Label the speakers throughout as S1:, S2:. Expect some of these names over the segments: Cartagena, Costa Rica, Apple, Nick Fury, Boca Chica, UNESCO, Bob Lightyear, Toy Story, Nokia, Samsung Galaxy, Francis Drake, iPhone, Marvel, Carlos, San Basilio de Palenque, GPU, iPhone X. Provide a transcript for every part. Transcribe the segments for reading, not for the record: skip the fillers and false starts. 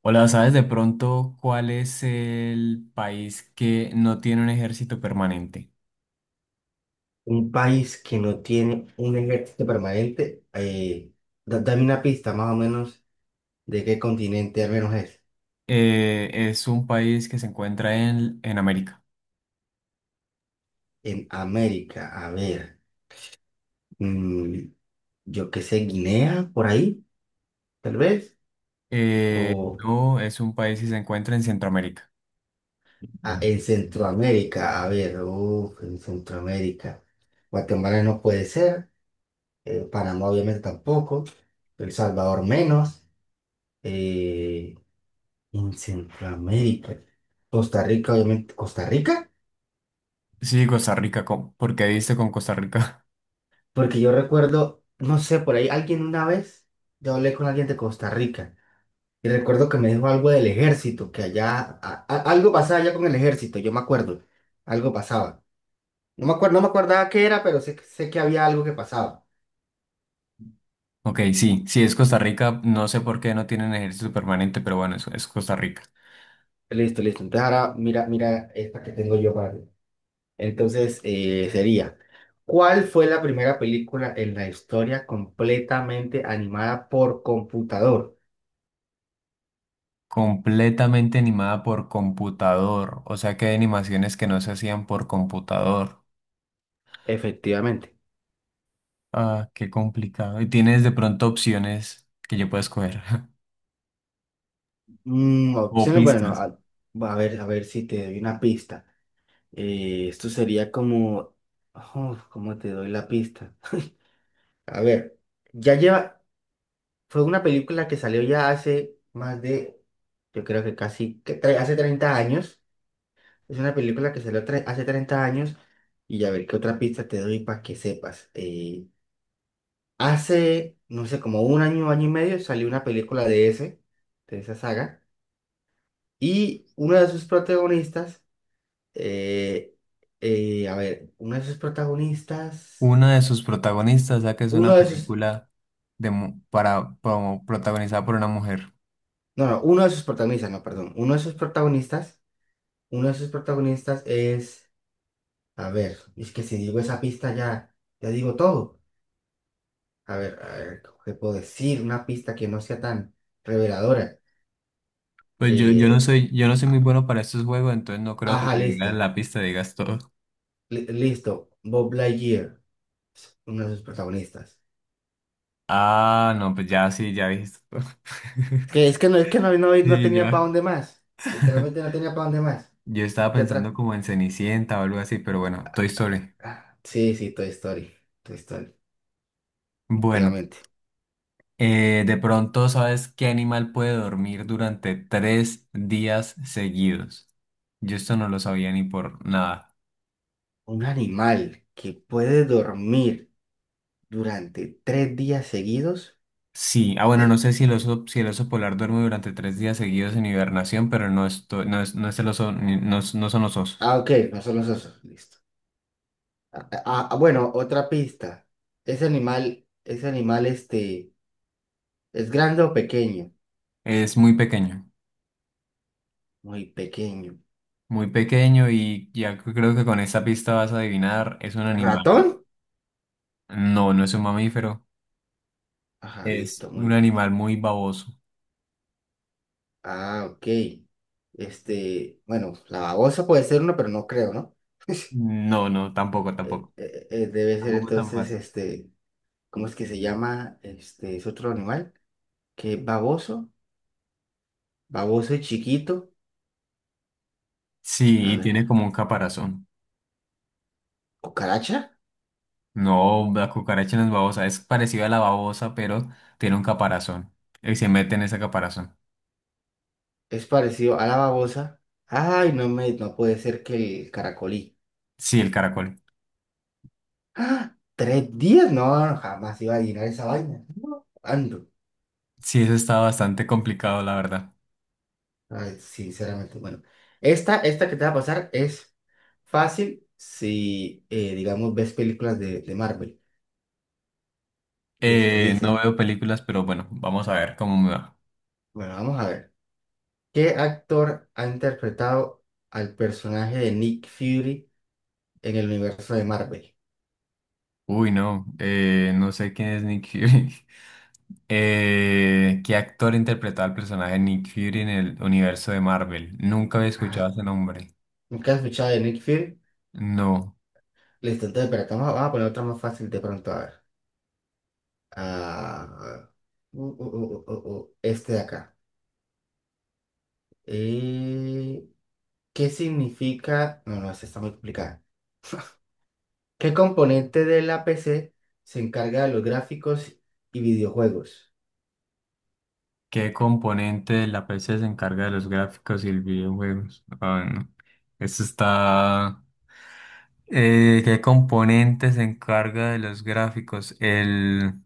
S1: Hola, ¿sabes de pronto cuál es el país que no tiene un ejército permanente?
S2: Un país que no tiene un ejército permanente, dame una pista más o menos de qué continente al menos es.
S1: Es un país que se encuentra en América.
S2: En América, a ver, mm, yo qué sé, Guinea, por ahí, tal vez. O
S1: No, es un país que se encuentra en Centroamérica.
S2: en Centroamérica, a ver, uf, en Centroamérica. Guatemala no puede ser, Panamá obviamente tampoco, El Salvador menos. eh, en Centroamérica, Costa Rica, obviamente, Costa Rica.
S1: Sí, Costa Rica, ¿cómo? ¿Por qué diste con Costa Rica?
S2: Porque yo recuerdo, no sé, por ahí alguien una vez, yo hablé con alguien de Costa Rica y recuerdo que me dijo algo del ejército, que allá, algo pasaba allá con el ejército, yo me acuerdo, algo pasaba. No me acuerdo, no me acordaba qué era, pero sé, sé que había algo que pasaba.
S1: Ok, sí, sí, es Costa Rica. No sé por qué no tienen ejército permanente, pero bueno, eso es Costa Rica.
S2: Listo, listo. Entonces ahora mira, mira esta que tengo yo para ti. Entonces sería, ¿cuál fue la primera película en la historia completamente animada por computador?
S1: Completamente animada por computador, o sea que hay animaciones que no se hacían por computador.
S2: Efectivamente.
S1: Ah, qué complicado. Y tienes de pronto opciones que yo pueda escoger o
S2: Opciones,
S1: pistas.
S2: bueno, a ver si te doy una pista. Esto sería como, oh, ¿cómo te doy la pista? A ver, ya lleva, fue una película que salió ya hace más de, yo creo que casi, hace 30 años. Es una película que salió hace 30 años y a ver qué otra pista te doy para que sepas. Hace, no sé, como un año, año y medio salió una película de esa saga. Y uno de sus protagonistas. Eh, a ver, uno de sus protagonistas,
S1: Una de sus protagonistas, ya que es
S2: uno
S1: una
S2: de sus,
S1: película para, como protagonizada por una mujer.
S2: no, no, uno de sus protagonistas, no, perdón, uno de sus protagonistas, uno de sus protagonistas es, a ver, es que si digo esa pista ya, ya digo todo. A ver, ¿qué puedo decir? Una pista que no sea tan reveladora.
S1: Pues yo
S2: Eh,
S1: yo no soy muy bueno para estos juegos, entonces no creo que
S2: ajá,
S1: te digan
S2: listo,
S1: la pista, digas todo.
S2: listo, Bob Lightyear, es uno de sus protagonistas.
S1: Ah, no, pues ya sí, ya dijiste todo.
S2: Es que no, no, no
S1: Sí,
S2: tenía para
S1: ya.
S2: dónde más, literalmente no tenía para dónde más.
S1: Yo estaba
S2: ¿Qué
S1: pensando
S2: otra?
S1: como en Cenicienta o algo así, pero bueno, Toy Story.
S2: Ah, sí, sí, Toy Story. Toy Story,
S1: Bueno.
S2: efectivamente.
S1: De pronto, ¿sabes qué animal puede dormir durante 3 días seguidos? Yo esto no lo sabía ni por nada.
S2: Un animal que puede dormir durante 3 días seguidos.
S1: Sí, ah bueno, no
S2: Pero...
S1: sé si el oso polar duerme durante 3 días seguidos en hibernación, pero no, no es el oso, no son los osos.
S2: Ah, ok, no son los osos. Listo. Bueno, otra pista. Ese animal, este, ¿es grande o pequeño?
S1: Es
S2: Muy pequeño.
S1: muy pequeño y ya creo que con esta pista vas a adivinar, es un animal.
S2: ¿Ratón?
S1: No, no es un mamífero,
S2: Ajá,
S1: es
S2: listo,
S1: un
S2: muy.
S1: animal muy baboso.
S2: Ah, ok. Este, bueno, la babosa puede ser uno, pero no creo, ¿no?
S1: No, no, tampoco, tampoco.
S2: Debe ser
S1: Tampoco tan
S2: entonces,
S1: fácil.
S2: este. ¿Cómo es que se llama? Este, es otro animal, que es baboso, baboso y chiquito.
S1: Sí,
S2: A
S1: y
S2: ver,
S1: tiene como un caparazón.
S2: cucaracha,
S1: No, la cucaracha no es babosa, es parecida a la babosa, pero tiene un caparazón. Y se mete en ese caparazón.
S2: es parecido a la babosa. Ay, no me, no puede ser que el caracolí.
S1: Sí, el caracol.
S2: ¡Ah! ¿3 días? No, no, jamás iba a adivinar esa vaina. No, ando.
S1: Sí, eso está bastante complicado, la verdad.
S2: Ay, sinceramente, bueno. Esta que te va a pasar es fácil si, digamos, ves películas de Marvel. Listo,
S1: No
S2: dice.
S1: veo películas, pero bueno, vamos a ver cómo me va.
S2: Bueno, vamos a ver. ¿Qué actor ha interpretado al personaje de Nick Fury en el universo de Marvel?
S1: Uy, no, no sé quién es Nick Fury. ¿Qué actor interpretaba al personaje Nick Fury en el universo de Marvel? Nunca había escuchado
S2: Ajá.
S1: ese nombre.
S2: ¿Nunca has escuchado de Nick Fury?
S1: No.
S2: Listo, entonces, pero vamos a poner otra más fácil de pronto, a ver. Ah, este de acá. Eh, ¿Qué significa? No, no, esta está muy complicada. ¿Qué componente de la PC se encarga de los gráficos y videojuegos?
S1: ¿Qué componente de la PC se encarga de los gráficos y el videojuegos? Ah, no. Eso está. ¿Qué componente se encarga de los gráficos? El,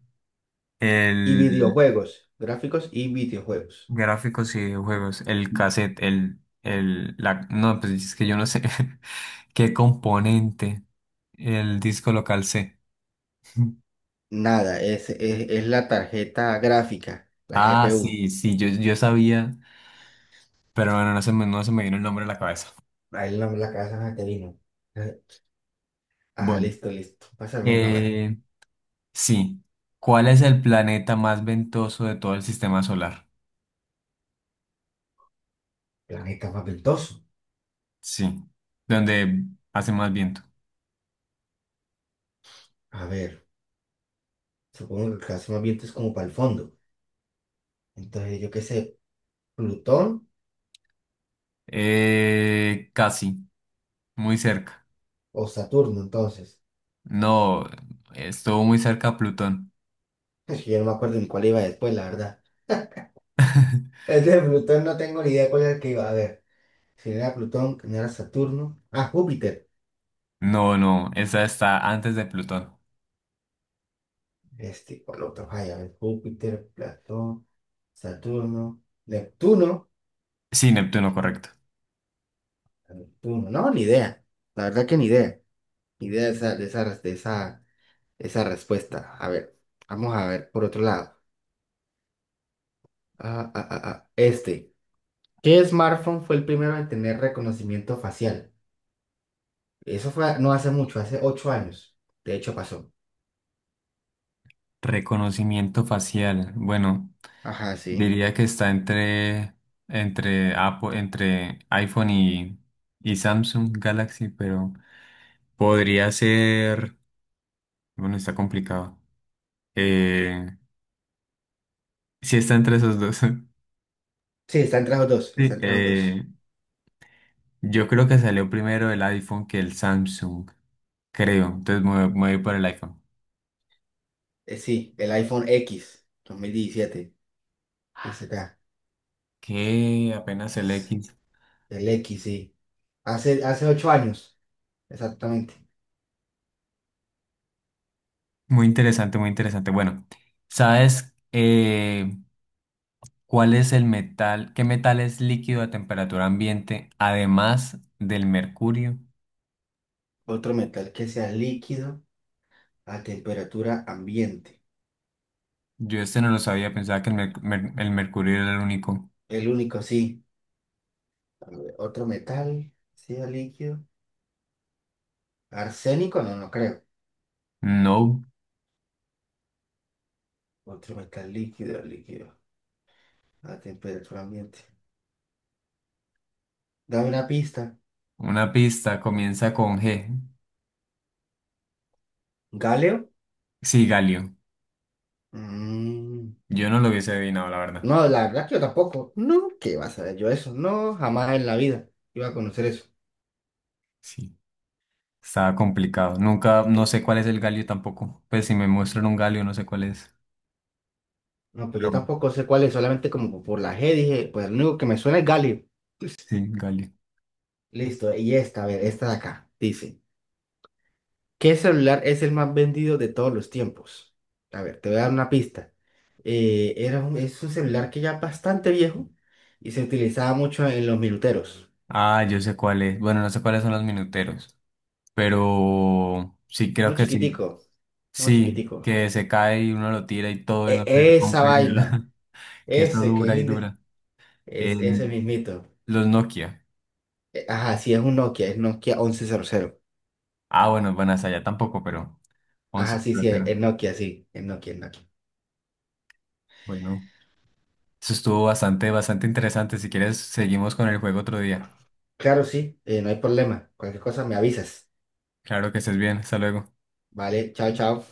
S2: Y
S1: el
S2: videojuegos, gráficos y videojuegos.
S1: gráficos y videojuegos, el cassette, la, no, pues es que yo no sé. ¿Qué componente? El disco local C.
S2: Nada, es la tarjeta gráfica, la
S1: Ah,
S2: GPU.
S1: sí, sí, yo sabía, pero bueno, no se me vino el nombre a la cabeza.
S2: Ahí la, la casa te vino. Eh, Ah,
S1: Bueno.
S2: listo, listo. Pásame uno a ver.
S1: eh, Sí. ¿Cuál es el planeta más ventoso de todo el sistema solar?
S2: Planeta papentoso.
S1: Sí. Donde hace más viento.
S2: A ver, supongo que el caso más viento es como para el fondo. Entonces, yo qué sé, Plutón
S1: Casi. Muy cerca.
S2: o Saturno, entonces.
S1: No, estuvo muy cerca a Plutón.
S2: Es que yo no me acuerdo ni cuál iba después, la verdad. Es de Plutón, no tengo ni idea cuál era el que iba a ver. Si no era Plutón, que no era Saturno. Ah, Júpiter.
S1: No, no, esa está antes de Plutón.
S2: Este, por lo otro, ay, a ver, Júpiter, Platón, Saturno, Neptuno.
S1: Sí, Neptuno, correcto.
S2: Pum, no, ni idea. La verdad que ni idea. Ni idea de esa, de esa, de esa, de esa respuesta. A ver, vamos a ver por otro lado. Ah. Este. ¿Qué smartphone fue el primero en tener reconocimiento facial? Eso fue no hace mucho, hace 8 años. De hecho, pasó.
S1: Reconocimiento facial. Bueno,
S2: Ajá, sí.
S1: diría que está entre Apple, entre iPhone y Samsung Galaxy, pero podría ser. Bueno, está complicado. Eh, sí está entre esos dos.
S2: Sí, está entre los dos. Está
S1: Sí,
S2: entre los dos.
S1: yo creo que salió primero el iPhone que el Samsung, creo. Entonces me voy por el iPhone.
S2: Sí, el iPhone X 2017. Ese acá.
S1: Que apenas el X.
S2: El X, sí. Hace, hace 8 años. Exactamente.
S1: Muy interesante, muy interesante. Bueno, ¿sabes cuál es el metal? ¿Qué metal es líquido a temperatura ambiente además del mercurio?
S2: Otro metal que sea líquido a temperatura ambiente.
S1: Yo este no lo sabía, pensaba que el mercurio era el único.
S2: El único sí. A ver, otro metal, ácido líquido. Arsénico, no, no creo.
S1: No,
S2: Otro metal líquido, líquido. A temperatura ambiente. Dame una pista.
S1: una pista comienza con G.
S2: Galio.
S1: Sí, galio.
S2: Mm,
S1: Yo no lo hubiese adivinado, la verdad.
S2: no, la verdad que yo tampoco. No, ¿qué vas a ver yo eso? No, jamás en la vida iba a conocer eso.
S1: Sí, estaba complicado. Nunca, no sé cuál es el galio tampoco. Pues si me muestran un galio, no sé cuál es.
S2: No, pues yo
S1: Pero
S2: tampoco sé cuál es, solamente como por la G dije, pues lo único que me suena es galio.
S1: sí, galio.
S2: Listo, y esta, a ver, esta de acá, dice. ¿Qué celular es el más vendido de todos los tiempos? A ver, te voy a dar una pista. Es un celular que ya es bastante viejo y se utilizaba mucho en los minuteros.
S1: Ah, yo sé cuál es. Bueno, no sé cuáles son los minuteros, pero sí, creo
S2: Uno
S1: que sí.
S2: chiquitico, uno
S1: Sí,
S2: chiquitico.
S1: que se cae y uno lo tira y todo y
S2: E-
S1: no se
S2: esa
S1: rompe, ni
S2: vaina,
S1: nada. Que eso
S2: ese que es,
S1: dura y
S2: inde...
S1: dura.
S2: es ese
S1: El-
S2: mismito.
S1: los Nokia.
S2: Ajá, sí, es un Nokia, es Nokia 1100.
S1: Ah, bueno, bueno, hasta allá tampoco, pero once
S2: Ajá, sí,
S1: platero.
S2: sí, es Nokia, es Nokia.
S1: Bueno, eso estuvo bastante, bastante interesante. Si quieres, seguimos con el juego otro día.
S2: Claro, sí, no hay problema. Cualquier cosa me avisas.
S1: Claro que estés bien. Hasta luego.
S2: Vale, chao, chao.